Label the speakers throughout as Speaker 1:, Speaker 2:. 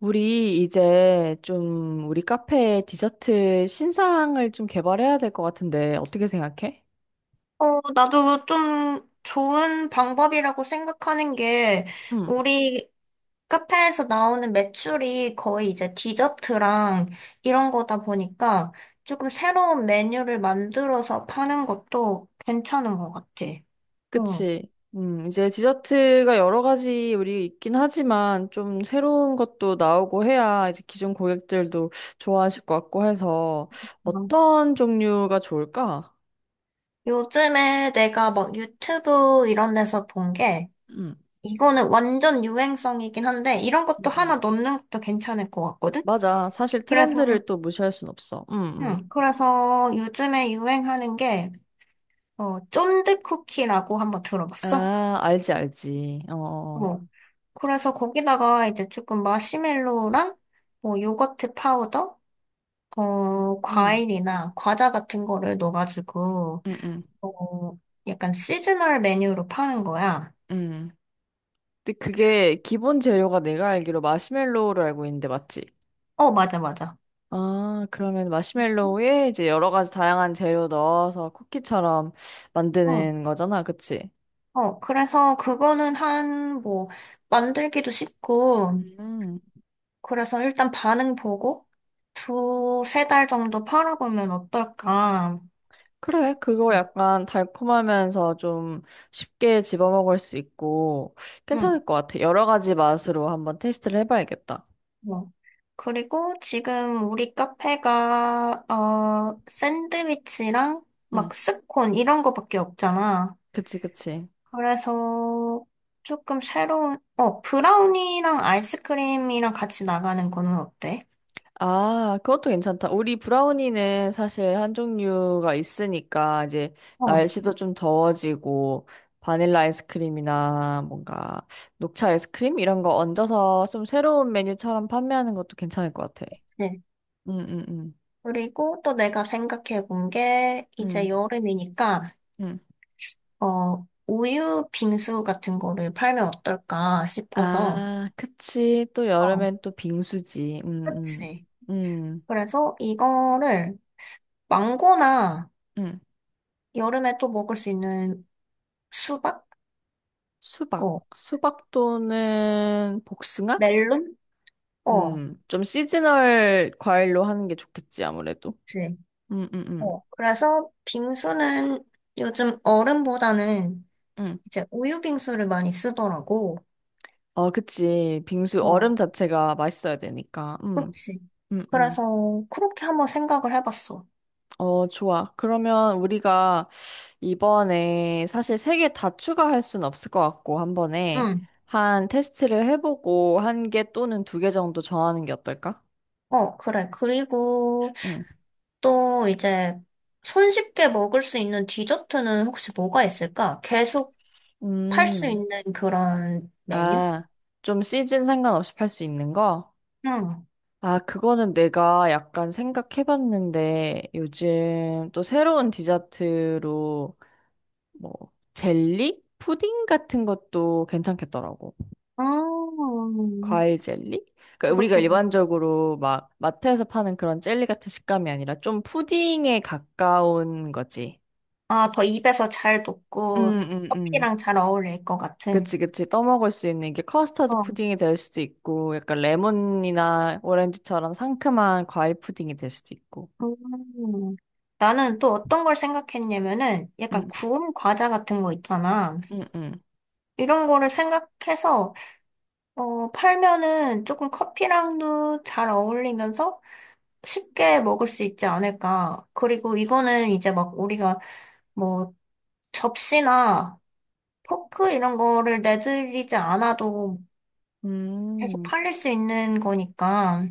Speaker 1: 우리 이제 좀 우리 카페 디저트 신상을 좀 개발해야 될 것 같은데 어떻게 생각해?
Speaker 2: 나도 좀 좋은 방법이라고 생각하는 게,
Speaker 1: 응,
Speaker 2: 우리 카페에서 나오는 매출이 거의 이제 디저트랑 이런 거다 보니까 조금 새로운 메뉴를 만들어서 파는 것도 괜찮은 것 같아. 어.
Speaker 1: 그치. 이제 디저트가 여러 가지 우리 있긴 하지만 좀 새로운 것도 나오고 해야 이제 기존 고객들도 좋아하실 것 같고 해서 어떤 종류가 좋을까?
Speaker 2: 요즘에 내가 막 유튜브 이런 데서 본 게,
Speaker 1: 응,
Speaker 2: 이거는 완전 유행성이긴 한데, 이런
Speaker 1: 음,
Speaker 2: 것도 하나
Speaker 1: 음.
Speaker 2: 넣는 것도 괜찮을 것 같거든?
Speaker 1: 맞아. 사실
Speaker 2: 그래서,
Speaker 1: 트렌드를 또 무시할 순 없어. 응, 응.
Speaker 2: 응, 그래서 요즘에 유행하는 게, 쫀득쿠키라고 한번 들어봤어?
Speaker 1: 아, 알지, 알지. 어, 어.
Speaker 2: 어. 그래서 거기다가 이제 조금 마시멜로랑 뭐 요거트 파우더,
Speaker 1: 음,
Speaker 2: 과일이나 과자 같은 거를 넣어가지고,
Speaker 1: 응, 응,
Speaker 2: 어, 약간 시즈널 메뉴로 파는 거야.
Speaker 1: 응. 근데 그게 기본 재료가 내가 알기로 마시멜로우를 알고 있는데 맞지?
Speaker 2: 어, 맞아, 맞아.
Speaker 1: 아, 그러면 마시멜로우에 이제 여러 가지 다양한 재료 넣어서 쿠키처럼
Speaker 2: 응.
Speaker 1: 만드는 거잖아, 그치?
Speaker 2: 그래서 그거는 한, 뭐, 만들기도 쉽고,
Speaker 1: 음.
Speaker 2: 그래서 일단 반응 보고, 2, 3달 정도 팔아보면 어떨까.
Speaker 1: 그래, 그거 약간 달콤하면서 좀 쉽게 집어먹을 수 있고
Speaker 2: 응.
Speaker 1: 괜찮을 것 같아. 여러 가지 맛으로 한번 테스트를 해봐야겠다.
Speaker 2: 어. 그리고 지금 우리 카페가, 샌드위치랑
Speaker 1: 응,
Speaker 2: 막 스콘 이런 거밖에 없잖아.
Speaker 1: 그치, 그치.
Speaker 2: 그래서 조금 새로운, 브라우니랑 아이스크림이랑 같이 나가는 거는 어때?
Speaker 1: 아, 그것도 괜찮다. 우리 브라우니는 사실 한 종류가 있으니까 이제
Speaker 2: 어,
Speaker 1: 날씨도 좀 더워지고 바닐라 아이스크림이나 뭔가 녹차 아이스크림 이런 거 얹어서 좀 새로운 메뉴처럼 판매하는 것도 괜찮을 것 같아.
Speaker 2: 네.
Speaker 1: 응응응응응.
Speaker 2: 그리고 또 내가 생각해 본 게, 이제 여름이니까, 우유 빙수 같은 거를 팔면 어떨까 싶어서.
Speaker 1: 아, 그치. 또
Speaker 2: 어,
Speaker 1: 여름엔 또 빙수지. 응응응응.
Speaker 2: 그치. 그래서 이거를 망고나 여름에 또 먹을 수 있는 수박?
Speaker 1: 수박.
Speaker 2: 어.
Speaker 1: 수박도는 복숭아?
Speaker 2: 멜론? 어.
Speaker 1: 좀 시즈널 과일로 하는 게 좋겠지, 아무래도.
Speaker 2: 그치.
Speaker 1: 음, 음, 음.
Speaker 2: 어. 그래서 빙수는 요즘 얼음보다는
Speaker 1: 음.
Speaker 2: 이제 우유 빙수를 많이 쓰더라고.
Speaker 1: 어, 그치. 빙수 얼음
Speaker 2: 어.
Speaker 1: 자체가 맛있어야 되니까.
Speaker 2: 그치.
Speaker 1: 음, 음.
Speaker 2: 그래서 그렇게 한번 생각을 해봤어.
Speaker 1: 어, 좋아. 그러면 우리가 이번에 사실 세 개 다 추가할 순 없을 것 같고, 한 번에
Speaker 2: 응.
Speaker 1: 한 테스트를 해보고 한 개 또는 두 개 정도 정하는 게 어떨까?
Speaker 2: 어, 그래. 그리고
Speaker 1: 음.
Speaker 2: 또 이제 손쉽게 먹을 수 있는 디저트는 혹시 뭐가 있을까? 계속 팔 수
Speaker 1: 음.
Speaker 2: 있는 그런 메뉴?
Speaker 1: 아, 좀 시즌 상관없이 팔 수 있는 거?
Speaker 2: 응.
Speaker 1: 아, 그거는 내가 약간 생각해봤는데 요즘 또 새로운 디저트로 뭐 젤리? 푸딩 같은 것도 괜찮겠더라고.
Speaker 2: 음.
Speaker 1: 과일 젤리? 그러니까 우리가
Speaker 2: 그것도
Speaker 1: 일반적으로 막 마트에서 파는 그런 젤리 같은 식감이 아니라 좀 푸딩에 가까운 거지.
Speaker 2: 아, 더 입에서 잘
Speaker 1: 음,
Speaker 2: 녹고
Speaker 1: 음, 음.
Speaker 2: 커피랑 잘 어울릴 것 같은.
Speaker 1: 그치, 그치. 떠먹을 수 있는 게 커스터드
Speaker 2: 어.
Speaker 1: 푸딩이 될 수도 있고, 약간 레몬이나 오렌지처럼 상큼한 과일 푸딩이 될 수도 있고.
Speaker 2: 음. 나는 또 어떤 걸 생각했냐면은 약간
Speaker 1: 음,
Speaker 2: 구운 과자 같은 거 있잖아.
Speaker 1: 음, 음.
Speaker 2: 이런 거를 생각해서 팔면은 조금 커피랑도 잘 어울리면서 쉽게 먹을 수 있지 않을까. 그리고 이거는 이제 막 우리가 뭐 접시나 포크 이런 거를 내들이지 않아도 계속
Speaker 1: 음,
Speaker 2: 팔릴 수 있는 거니까.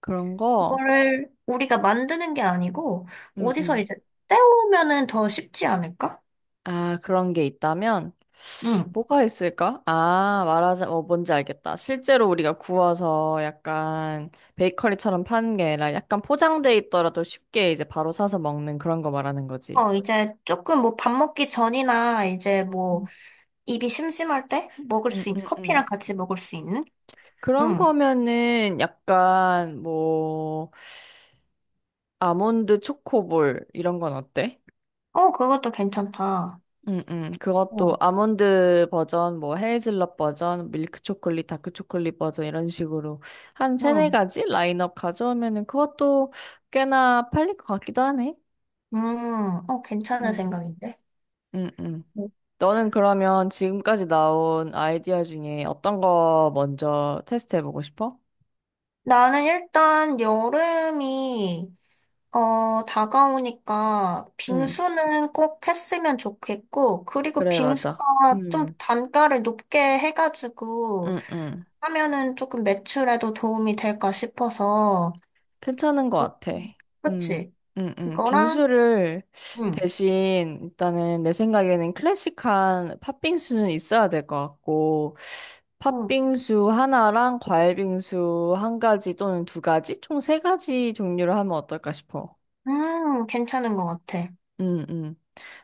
Speaker 1: 그런 거?
Speaker 2: 그거를 우리가 만드는 게 아니고
Speaker 1: 음,
Speaker 2: 어디서
Speaker 1: 음.
Speaker 2: 이제 때우면은 더 쉽지 않을까?
Speaker 1: 아, 그런 게 있다면
Speaker 2: 응.
Speaker 1: 뭐가 있을까? 아, 말하자, 어, 뭔지 알겠다. 실제로 우리가 구워서 약간 베이커리처럼 파는 게 아니라 약간 포장돼 있더라도 쉽게 이제 바로 사서 먹는 그런 거 말하는 거지.
Speaker 2: 이제 조금 뭐 밥 먹기 전이나 이제 뭐 입이 심심할 때 먹을
Speaker 1: 음,
Speaker 2: 수 있는
Speaker 1: 음, 음.
Speaker 2: 커피랑 같이 먹을 수 있는?
Speaker 1: 그런
Speaker 2: 응.
Speaker 1: 거면은 약간 뭐 아몬드 초코볼 이런 건 어때?
Speaker 2: 어, 그것도 괜찮다.
Speaker 1: 그것도
Speaker 2: 어,
Speaker 1: 아몬드 버전, 뭐 헤이즐넛 버전, 밀크 초콜릿, 다크 초콜릿 버전 이런 식으로 한 세네
Speaker 2: 응.
Speaker 1: 가지 라인업 가져오면은 그것도 꽤나 팔릴 것 같기도 하네.
Speaker 2: 괜찮은
Speaker 1: 음,
Speaker 2: 생각인데.
Speaker 1: 음, 음.
Speaker 2: 응.
Speaker 1: 너는 그러면 지금까지 나온 아이디어 중에 어떤 거 먼저 테스트해보고 싶어?
Speaker 2: 나는 일단 여름이 다가오니까
Speaker 1: 음,
Speaker 2: 빙수는 꼭 했으면 좋겠고, 그리고
Speaker 1: 그래,
Speaker 2: 빙수가
Speaker 1: 맞아.
Speaker 2: 좀 단가를 높게 해가지고
Speaker 1: 음, 음.
Speaker 2: 하면은 조금 매출에도 도움이 될까 싶어서.
Speaker 1: 괜찮은 것 같아.
Speaker 2: 음,
Speaker 1: 음,
Speaker 2: 그치? 그거랑,
Speaker 1: 빙수를
Speaker 2: 응,
Speaker 1: 대신 일단은 내 생각에는 클래식한 팥빙수는 있어야 될 것 같고,
Speaker 2: 응,
Speaker 1: 팥빙수 하나랑 과일빙수 한 가지 또는 두 가지? 총 세 가지 종류를 하면 어떨까 싶어.
Speaker 2: 괜찮은 것 같아.
Speaker 1: 음, 음.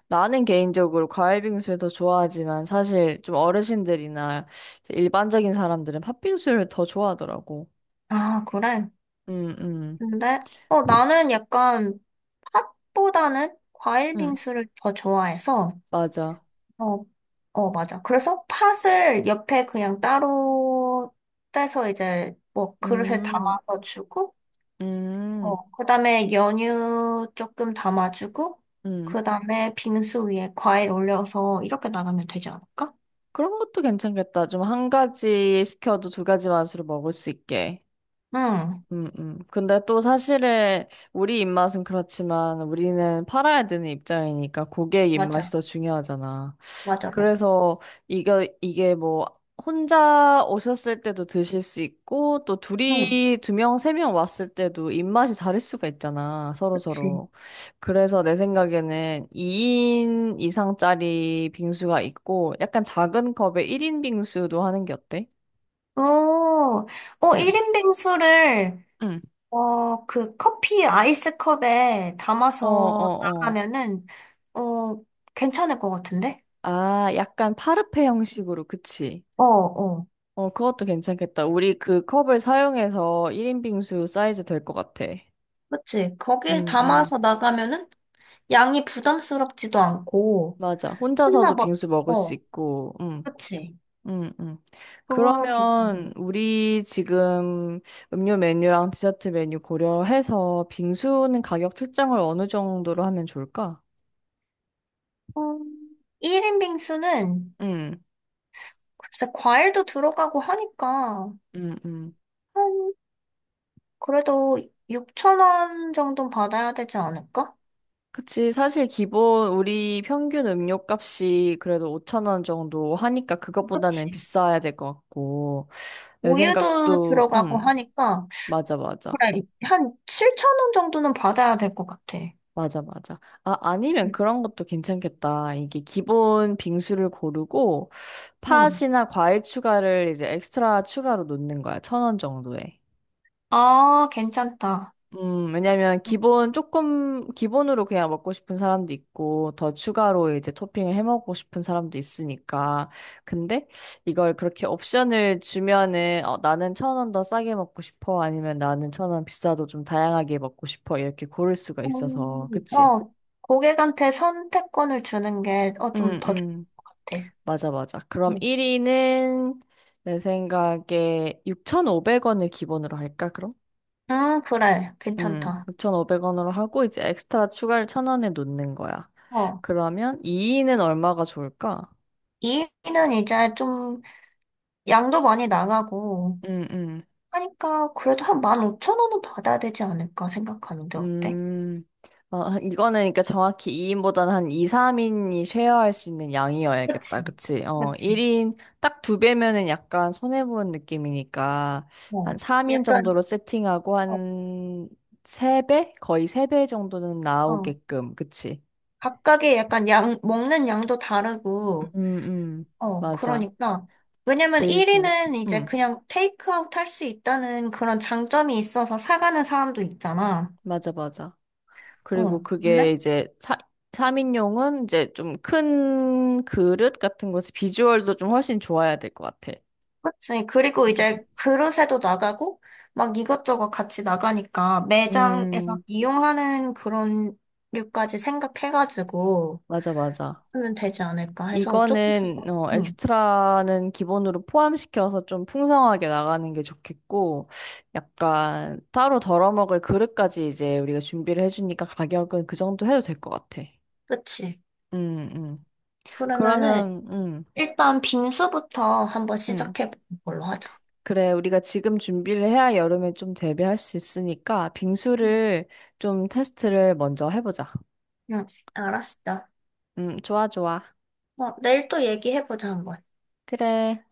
Speaker 1: 나는 개인적으로 과일빙수를 더 좋아하지만 사실 좀 어르신들이나 이제 일반적인 사람들은 팥빙수를 더 좋아하더라고.
Speaker 2: 아, 그래?
Speaker 1: 음, 음.
Speaker 2: 근데, 나는 약간 팥보다는 과일
Speaker 1: 응,
Speaker 2: 빙수를 더 좋아해서,
Speaker 1: 맞아.
Speaker 2: 어, 어, 맞아. 그래서 팥을 옆에 그냥 따로 떼서 이제 뭐 그릇에
Speaker 1: 음.
Speaker 2: 담아서 주고,
Speaker 1: 음,
Speaker 2: 그다음에 연유 조금 담아주고,
Speaker 1: 음.
Speaker 2: 그다음에 빙수 위에 과일 올려서 이렇게 나가면 되지 않을까?
Speaker 1: 그런 것도 괜찮겠다. 좀 한 가지 시켜도 두 가지 맛으로 먹을 수 있게.
Speaker 2: 응,
Speaker 1: 근데 또 사실은 우리 입맛은 그렇지만 우리는 팔아야 되는 입장이니까 고객 입맛이
Speaker 2: 맞아.
Speaker 1: 더 중요하잖아.
Speaker 2: 맞아, 맞아.
Speaker 1: 그래서 이거 이게 뭐 혼자 오셨을 때도 드실 수 있고 또
Speaker 2: 응,
Speaker 1: 둘이 두 명, 세 명 왔을 때도 입맛이 다를 수가 있잖아.
Speaker 2: 그치.
Speaker 1: 서로서로. 그래서 내 생각에는 2인 이상짜리 빙수가 있고 약간 작은 컵에 1인 빙수도 하는 게 어때?
Speaker 2: 오,
Speaker 1: 응,
Speaker 2: 일인 빙수를,
Speaker 1: 응.
Speaker 2: 그 커피 아이스컵에
Speaker 1: 어,
Speaker 2: 담아서
Speaker 1: 어, 어.
Speaker 2: 나가면은, 어, 괜찮을 것 같은데?
Speaker 1: 아, 약간 파르페 형식으로, 그치?
Speaker 2: 어, 어.
Speaker 1: 어, 그것도 괜찮겠다. 우리 그 컵을 사용해서 1인 빙수 사이즈 될 것 같아.
Speaker 2: 그치? 거기에
Speaker 1: 음, 음.
Speaker 2: 담아서 나가면은 양이 부담스럽지도 않고,
Speaker 1: 맞아.
Speaker 2: 혼나
Speaker 1: 혼자서도
Speaker 2: 막,
Speaker 1: 빙수 먹을 수
Speaker 2: 어,
Speaker 1: 있고,
Speaker 2: 그치?
Speaker 1: 음, 음.
Speaker 2: 그거 괜찮네.
Speaker 1: 그러면 우리 지금 음료 메뉴랑 디저트 메뉴 고려해서 빙수는 가격 책정을 어느 정도로 하면 좋을까?
Speaker 2: 음, 1인 빙수는,
Speaker 1: 음,
Speaker 2: 글쎄, 과일도 들어가고 하니까,
Speaker 1: 음, 음.
Speaker 2: 한, 그래도 6천원 정도 는 받아야 되지 않을까?
Speaker 1: 그치. 사실 기본 우리 평균 음료값이 그래도 5천 원 정도 하니까 그것보다는
Speaker 2: 그치?
Speaker 1: 비싸야 될 것 같고. 내
Speaker 2: 우유도
Speaker 1: 생각도,
Speaker 2: 들어가고 하니까,
Speaker 1: 맞아, 맞아.
Speaker 2: 그래, 한7천원 정도는 받아야 될 것 같아.
Speaker 1: 맞아, 맞아. 아, 아니면
Speaker 2: 응.
Speaker 1: 그런 것도 괜찮겠다. 이게 기본 빙수를 고르고
Speaker 2: 응.
Speaker 1: 팥이나 과일 추가를 이제 엑스트라 추가로 놓는 거야. 천원 정도에.
Speaker 2: 아, 괜찮다.
Speaker 1: 왜냐면 기본 조금 기본으로 그냥 먹고 싶은 사람도 있고 더 추가로 이제 토핑을 해 먹고 싶은 사람도 있으니까. 근데 이걸 그렇게 옵션을 주면은 어, 나는 천원 더 싸게 먹고 싶어 아니면 나는 천원 비싸도 좀 다양하게 먹고 싶어 이렇게 고를 수가 있어서.
Speaker 2: 음,
Speaker 1: 그치?
Speaker 2: 어, 고객한테 선택권을 주는 게, 좀
Speaker 1: 음,
Speaker 2: 더 좋을
Speaker 1: 음.
Speaker 2: 것 같아.
Speaker 1: 맞아, 맞아. 그럼
Speaker 2: 음,
Speaker 1: 1위는 내 생각에 6,500원을 기본으로 할까? 그럼?
Speaker 2: 그래. 괜찮다.
Speaker 1: 육5 0 0원으로 하고 이제 엑스트라 추가를 1,000원에 놓는 거야.
Speaker 2: 어,
Speaker 1: 그러면 2인은 얼마가 좋을까?
Speaker 2: 이는 이제 좀 양도 많이 나가고
Speaker 1: 음, 음.
Speaker 2: 하니까 그래도 한 15,000원은 받아야 되지 않을까 생각하는데 어때?
Speaker 1: 음. 어, 이거는 그러니까 정확히 2인보다는 한 2, 3인이 쉐어할 수 있는
Speaker 2: 그치,
Speaker 1: 양이어야겠다. 그치? 어,
Speaker 2: 그치.
Speaker 1: 1인 딱 두 배면은 약간 손해보는 느낌이니까 한
Speaker 2: 어,
Speaker 1: 3인
Speaker 2: 약간,
Speaker 1: 정도로 세팅하고
Speaker 2: 어,
Speaker 1: 한 세배 거의 세 배 정도는
Speaker 2: 어.
Speaker 1: 나오게끔. 그치?
Speaker 2: 각각의 약간 양, 먹는 양도 다르고,
Speaker 1: 음, 음.
Speaker 2: 어,
Speaker 1: 맞아.
Speaker 2: 그러니까. 왜냐면
Speaker 1: 그리고
Speaker 2: 1위는 이제
Speaker 1: 음,
Speaker 2: 그냥 테이크아웃 할 수 있다는 그런 장점이 있어서 사가는 사람도 있잖아.
Speaker 1: 맞아, 맞아.
Speaker 2: 어,
Speaker 1: 그리고
Speaker 2: 근데?
Speaker 1: 그게 이제 3인용은 이제 좀 큰 그릇 같은 곳에 비주얼도 좀 훨씬 좋아야 될 것 같아.
Speaker 2: 그치. 그리고
Speaker 1: 음.
Speaker 2: 이제 그릇에도 나가고, 막 이것저것 같이 나가니까 매장에서
Speaker 1: 음,
Speaker 2: 이용하는 그런 류까지 생각해가지고
Speaker 1: 맞아, 맞아.
Speaker 2: 하면 되지 않을까 해서 조금
Speaker 1: 이거는,
Speaker 2: 더,
Speaker 1: 어,
Speaker 2: 응,
Speaker 1: 엑스트라는 기본으로 포함시켜서 좀 풍성하게 나가는 게 좋겠고, 약간 따로 덜어먹을 그릇까지 이제 우리가 준비를 해주니까 가격은 그 정도 해도 될 것 같아.
Speaker 2: 그치.
Speaker 1: 음, 음.
Speaker 2: 그러면은
Speaker 1: 그러면,
Speaker 2: 일단 빙수부터 한번
Speaker 1: 음.
Speaker 2: 시작해보는 걸로 하자.
Speaker 1: 그래, 우리가 지금 준비를 해야 여름에 좀 대비할 수 있으니까
Speaker 2: 음.
Speaker 1: 빙수를 좀 테스트를 먼저 해보자.
Speaker 2: 응, 응, 알았어.
Speaker 1: 좋아, 좋아.
Speaker 2: 어, 내일 또 얘기해보자, 한번.
Speaker 1: 그래.